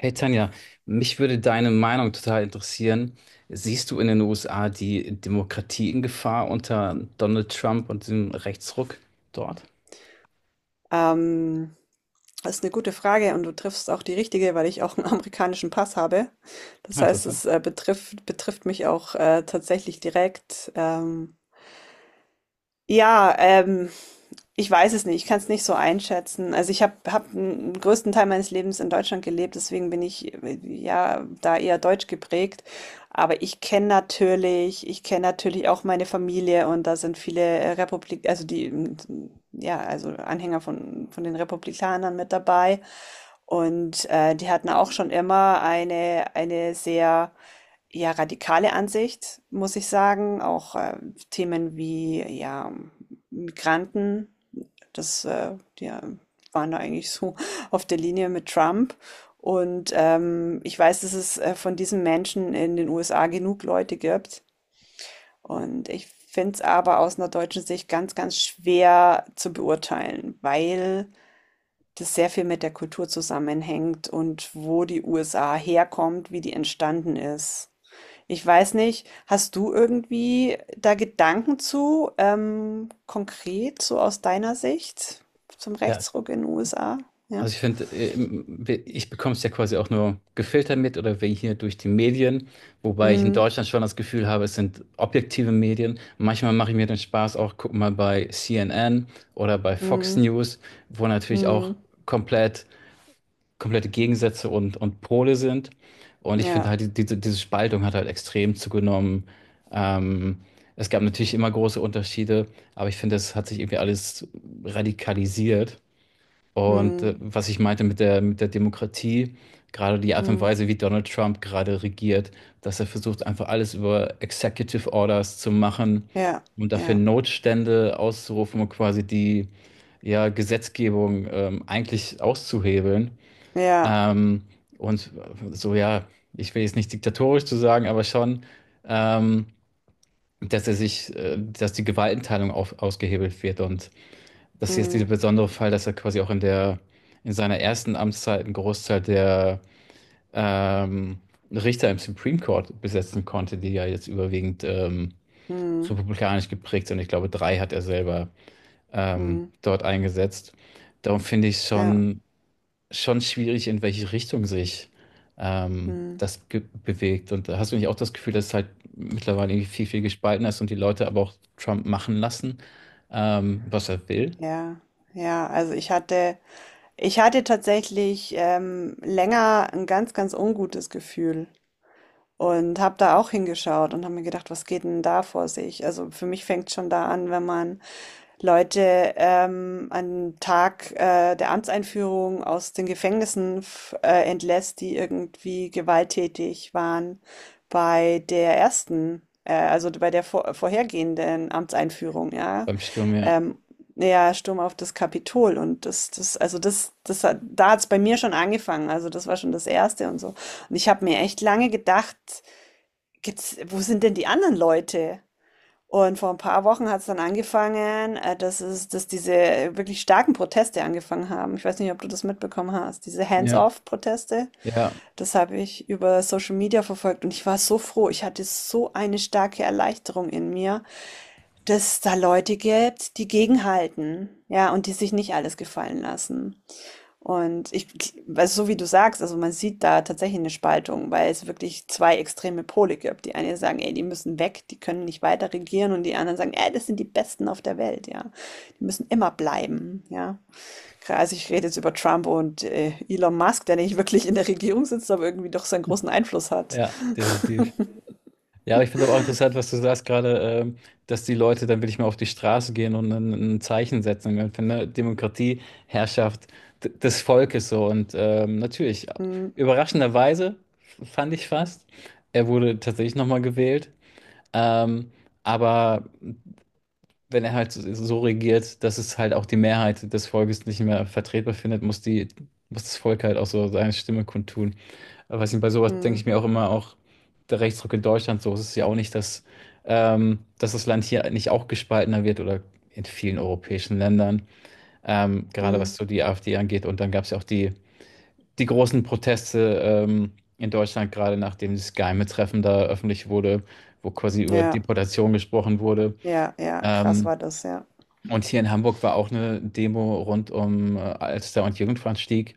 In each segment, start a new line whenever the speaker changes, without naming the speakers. Hey Tanja, mich würde deine Meinung total interessieren. Siehst du in den USA die Demokratie in Gefahr unter Donald Trump und dem Rechtsruck dort?
Ähm, das ist eine gute Frage und du triffst auch die richtige, weil ich auch einen amerikanischen Pass habe. Das
Ah,
heißt,
interessant.
es, betrifft mich auch, tatsächlich direkt. Ja, ich weiß es nicht, ich kann es nicht so einschätzen. Also ich habe hab hab den größten Teil meines Lebens in Deutschland gelebt, deswegen bin ich ja da eher deutsch geprägt. Aber ich kenne natürlich auch meine Familie und da sind viele also die, ja, also Anhänger von den Republikanern mit dabei. Und die hatten auch schon immer eine sehr ja, radikale Ansicht, muss ich sagen. Auch Themen wie ja, Migranten, das ja, waren da eigentlich so auf der Linie mit Trump. Und ich weiß, dass es von diesen Menschen in den USA genug Leute gibt. Und ich finde es aber aus einer deutschen Sicht ganz, ganz schwer zu beurteilen, weil das sehr viel mit der Kultur zusammenhängt und wo die USA herkommt, wie die entstanden ist. Ich weiß nicht, hast du irgendwie da Gedanken zu, konkret, so aus deiner Sicht zum
Ja,
Rechtsruck in den USA? Ja.
also ich finde, ich bekomme es ja quasi auch nur gefiltert mit, oder wir hier durch die Medien, wobei ich in
Hm,
Deutschland schon das Gefühl habe, es sind objektive Medien. Manchmal mache ich mir den Spaß auch, guck mal bei CNN oder bei Fox
hm,
News, wo natürlich
hm,
auch komplett komplette Gegensätze und Pole sind. Und ich finde
ja,
halt, diese Spaltung hat halt extrem zugenommen. Ähm, Es gab natürlich immer große Unterschiede, aber ich finde, es hat sich irgendwie alles radikalisiert. Und
hm,
was ich meinte mit mit der Demokratie: Gerade die Art und
hm,
Weise, wie Donald Trump gerade regiert, dass er versucht, einfach alles über Executive Orders zu machen
ja,
und dafür
ja,
Notstände auszurufen und quasi die ja, Gesetzgebung eigentlich auszuhebeln.
ja,
Ähm, und so, ja, ich will jetzt nicht diktatorisch zu sagen, aber schon, ähm, dass die Gewaltenteilung ausgehebelt wird. Und das ist jetzt dieser
hm,
besondere Fall, dass er quasi auch in in seiner ersten Amtszeit einen Großteil der ähm, Richter im Supreme Court besetzen konnte, die ja jetzt überwiegend
hm,
republikanisch geprägt sind. Ich glaube, drei hat er selber
hm,
dort eingesetzt. Darum finde ich
ja,
schon schwierig, in welche Richtung sich
hm,
bewegt. Und da hast du nicht auch das Gefühl, dass es halt mittlerweile irgendwie viel, viel gespalten ist und die Leute aber auch Trump machen lassen, was er will?
ja, ja. Also ich hatte tatsächlich länger ein ganz, ganz ungutes Gefühl. Und habe da auch hingeschaut und habe mir gedacht, was geht denn da vor sich? Also für mich fängt schon da an, wenn man Leute an Tag der Amtseinführung aus den Gefängnissen entlässt, die irgendwie gewalttätig waren bei der ersten, also bei der vorhergehenden Amtseinführung, ja.
Beim Sturm? Ja,
Ähm, ja, Sturm auf das Kapitol und also da hat's bei mir schon angefangen. Also das war schon das Erste und so. Und ich habe mir echt lange gedacht, wo sind denn die anderen Leute? Und vor ein paar Wochen hat es dann angefangen, dass diese wirklich starken Proteste angefangen haben. Ich weiß nicht, ob du das mitbekommen hast. Diese
ja,
Hands-off-Proteste,
ja,
das habe ich über Social Media verfolgt und ich war so froh. Ich hatte so eine starke Erleichterung in mir, dass es da Leute gibt, die gegenhalten, ja, und die sich nicht alles gefallen lassen. Und ich, also so wie du sagst, also man sieht da tatsächlich eine Spaltung, weil es wirklich zwei extreme Pole gibt. Die einen sagen, ey, die müssen weg, die können nicht weiter regieren, und die anderen sagen, ey, das sind die Besten auf der Welt, ja. Die müssen immer bleiben, ja. Also ich rede jetzt über Trump und Elon Musk, der nicht wirklich in der Regierung sitzt, aber irgendwie doch seinen großen Einfluss hat.
ja, definitiv. Ja, aber ich finde aber auch interessant, was du sagst gerade, dass die Leute dann wirklich mal auf die Straße gehen und ein Zeichen setzen. Ich finde, Demokratie, Herrschaft des Volkes, so. Und natürlich,
Mm,
überraschenderweise fand ich fast, er wurde tatsächlich nochmal gewählt. Ähm, aber wenn er halt so regiert, dass es halt auch die Mehrheit des Volkes nicht mehr vertretbar findet, muss muss das Volk halt auch so seine Stimme kundtun. Aber weiß nicht, bei sowas denke ich
mm,
mir auch immer, auch der Rechtsruck in Deutschland, so ist es ja auch nicht, dass das Land hier nicht auch gespaltener wird, oder in vielen europäischen Ländern, gerade
mm.
was so die AfD angeht. Und dann gab es ja auch die großen Proteste in Deutschland, gerade nachdem das Geheime-Treffen da öffentlich wurde, wo quasi über
Ja,
Deportation gesprochen wurde.
ja, ja, krass
Ähm,
war das, ja.
und hier in Hamburg war auch eine Demo rund um Alster- und Jugendfahndstieg.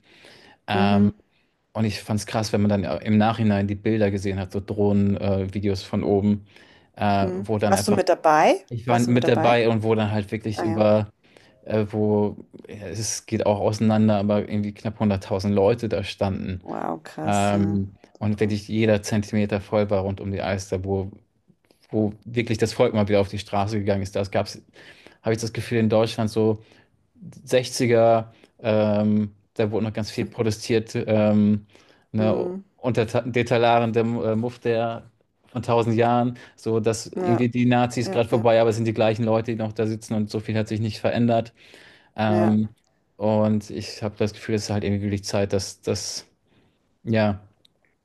Ähm,
Mhm,
und ich fand es krass, wenn man dann im Nachhinein die Bilder gesehen hat, so Drohnen-Videos, Videos von oben, äh,
mhm.
wo dann
Warst du
einfach,
mit dabei?
ich war
Warst du mit
mit
dabei?
dabei, und wo dann halt wirklich
Ah ja.
über, äh, wo, ja, es geht auch auseinander, aber irgendwie knapp 100.000 Leute da standen.
Wow, krass, ja.
Und
Super.
wirklich jeder Zentimeter voll war rund um die Alster, wo wirklich das Volk mal wieder auf die Straße gegangen ist. Das gab's, habe ich das Gefühl, in Deutschland so 60er, da wurde noch ganz viel protestiert, ne,
Mhm.
unter Detallarendem Muff der von tausend Jahren, so dass irgendwie
Ja,
die Nazis
ja,
gerade
ja,
vorbei, aber es sind die gleichen Leute, die noch da sitzen, und so viel hat sich nicht verändert.
ja,
Ähm, und ich habe das Gefühl, es ist halt irgendwie wirklich Zeit, ja,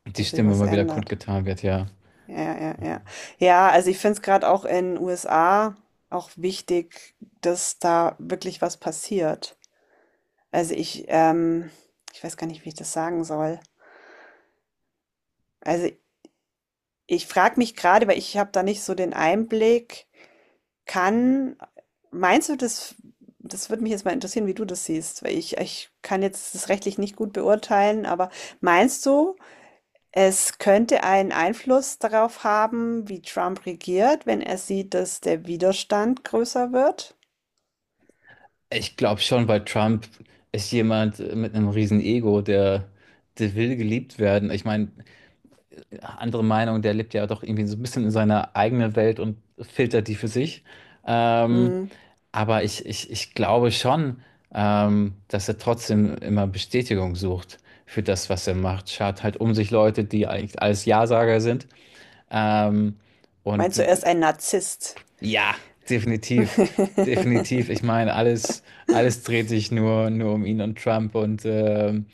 die
dass sich
Stimme
was
mal wieder
ändert.
kundgetan wird, ja.
Ja, ja, ja. Ja, ja, also ich finde es gerade auch in USA auch wichtig, dass da wirklich was passiert. Also ich weiß gar nicht, wie ich das sagen soll. Also ich frage mich gerade, weil ich habe da nicht so den Einblick, kann, meinst du, das würde mich jetzt mal interessieren, wie du das siehst, weil ich kann jetzt das rechtlich nicht gut beurteilen, aber meinst du, es könnte einen Einfluss darauf haben, wie Trump regiert, wenn er sieht, dass der Widerstand größer wird.
Ich glaube schon, weil Trump ist jemand mit einem riesen Ego, der will geliebt werden. Ich meine, andere Meinung, der lebt ja doch irgendwie so ein bisschen in seiner eigenen Welt und filtert die für sich. Ähm,
Hm.
aber ich glaube schon, dass er trotzdem immer Bestätigung sucht für das, was er macht. Schart halt um sich Leute, die eigentlich alles Ja-Sager sind. Ähm, und
Meinst du, er
äh,
ist ein Narzisst?
ja, definitiv. Definitiv. Ich meine, alles dreht sich nur um ihn und Trump und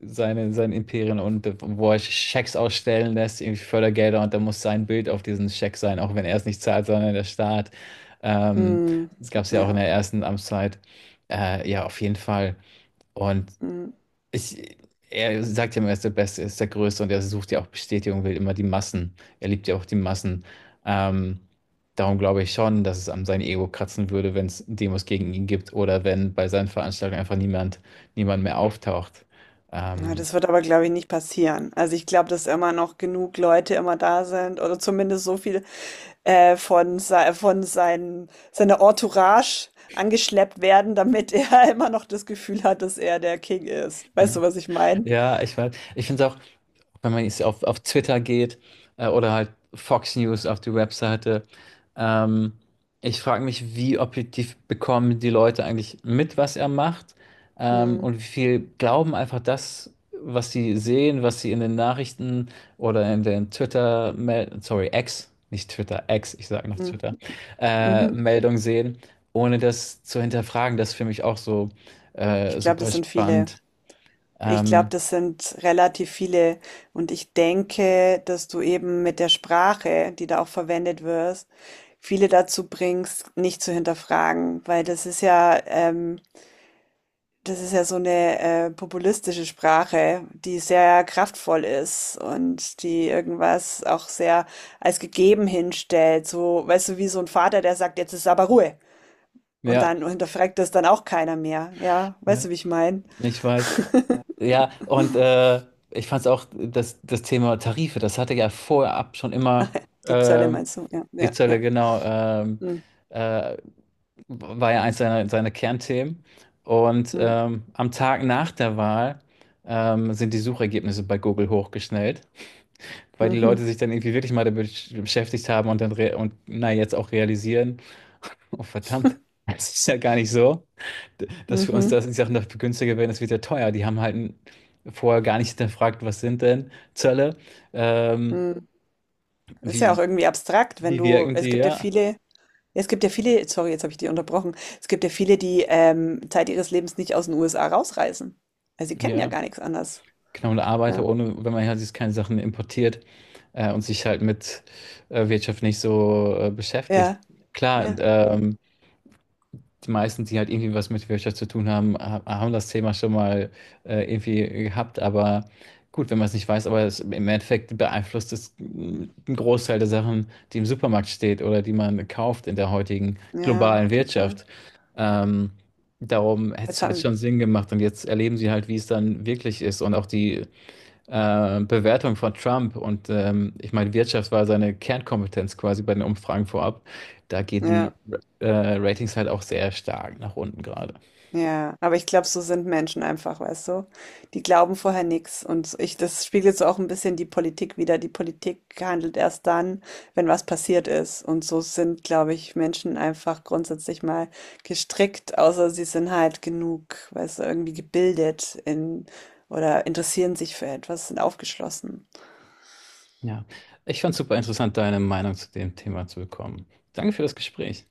sein Imperien, und wo er Schecks ausstellen lässt, irgendwie Fördergelder, und da muss sein Bild auf diesen Scheck sein, auch wenn er es nicht zahlt, sondern der Staat. Ähm,
Hm.
Das gab es ja
Ja.
auch in der ersten Amtszeit. Ja, auf jeden Fall. Und
Hm.
ich, er sagt ja immer, er ist der Beste, er ist der Größte, und er sucht ja auch Bestätigung, will immer die Massen. Er liebt ja auch die Massen. Ähm, Darum glaube ich schon, dass es an sein Ego kratzen würde, wenn es Demos gegen ihn gibt oder wenn bei seinen Veranstaltungen einfach niemand mehr auftaucht.
Ja,
Ähm,
das wird aber, glaube ich, nicht passieren. Also ich glaube, dass immer noch genug Leute immer da sind oder zumindest so viel von, sei- von sein, seiner Entourage angeschleppt werden, damit er immer noch das Gefühl hat, dass er der King ist. Weißt
Ja,
du, was ich meine?
ja, ich weiß. Ich finde es auch, wenn man jetzt auf Twitter geht, oder halt Fox News auf die Webseite, ähm, ich frage mich: Wie objektiv bekommen die Leute eigentlich mit, was er macht,
Hm.
und wie viel glauben einfach das, was sie sehen, was sie in den Nachrichten oder in den Twitter, sorry, X, nicht Twitter, X, ich sage noch
Hm.
Twitter,
Mhm.
Meldung sehen, ohne das zu hinterfragen. Das ist für mich auch so
Ich glaube,
super
das sind viele.
spannend.
Ich glaube,
Ähm,
das sind relativ viele. Und ich denke, dass du eben mit der Sprache, die da auch verwendet wirst, viele dazu bringst, nicht zu hinterfragen, weil das ist ja so eine populistische Sprache, die sehr kraftvoll ist und die irgendwas auch sehr als gegeben hinstellt. So, weißt du, wie so ein Vater, der sagt, jetzt ist aber Ruhe. Und
Ja,
dann hinterfragt das dann auch keiner mehr. Ja, weißt
ja,
du, wie ich meine?
ich weiß. Ja, und ich fand es auch, das Thema Tarife, das hatte ja vorab schon immer
Die Zölle
ähm,
meinst du? Ja,
die
ja,
Zölle,
ja.
genau,
Mhm,
äh, war ja eins seiner Kernthemen. Und
mhm,
am Tag nach der Wahl sind die Suchergebnisse bei Google hochgeschnellt, weil die Leute
mhm,
sich dann irgendwie wirklich mal damit beschäftigt haben und dann re und na, jetzt auch realisieren: Oh verdammt, das ist ja gar nicht so, dass wir uns
mhm.
die Sachen noch günstiger werden, das wird ja teuer. Die haben halt vorher gar nicht hinterfragt, was sind denn Zölle, ähm,
Mhm. Das ist ja auch
wie,
irgendwie abstrakt, wenn
wie
du,
wirken
es
die,
gibt ja
ja.
viele, es gibt ja viele, sorry, jetzt habe ich dich unterbrochen, es gibt ja viele, die Zeit ihres Lebens nicht aus den USA rausreisen. Also sie kennen ja
Ja,
gar nichts anderes.
genau, und Arbeiter
Ja,
ohne, wenn man halt jetzt keine Sachen importiert, und sich halt mit Wirtschaft nicht so beschäftigt.
ja, ja,
Klar, die meisten, die halt irgendwie was mit Wirtschaft zu tun haben, haben das Thema schon mal irgendwie gehabt. Aber gut, wenn man es nicht weiß, aber im Endeffekt beeinflusst es, einen Großteil der Sachen, die im Supermarkt steht oder die man kauft in der heutigen
ja,
globalen
total.
Wirtschaft. Ähm, Darum hätte
Jetzt
es halt
haben,
schon Sinn gemacht. Und jetzt erleben sie halt, wie es dann wirklich ist. Und auch die Bewertung von Trump und ich meine, Wirtschaft war seine Kernkompetenz quasi bei den Umfragen vorab. Da gehen die
ja.
äh, Ratings halt auch sehr stark nach unten gerade.
Ja, aber ich glaube, so sind Menschen einfach, weißt du? Die glauben vorher nichts das spiegelt so auch ein bisschen die Politik wider. Die Politik handelt erst dann, wenn was passiert ist. Und so sind, glaube ich, Menschen einfach grundsätzlich mal gestrickt, außer sie sind halt genug, weißt du, irgendwie gebildet in oder interessieren sich für etwas, sind aufgeschlossen.
Ja, ich fand es super interessant, deine Meinung zu dem Thema zu bekommen. Danke für das Gespräch.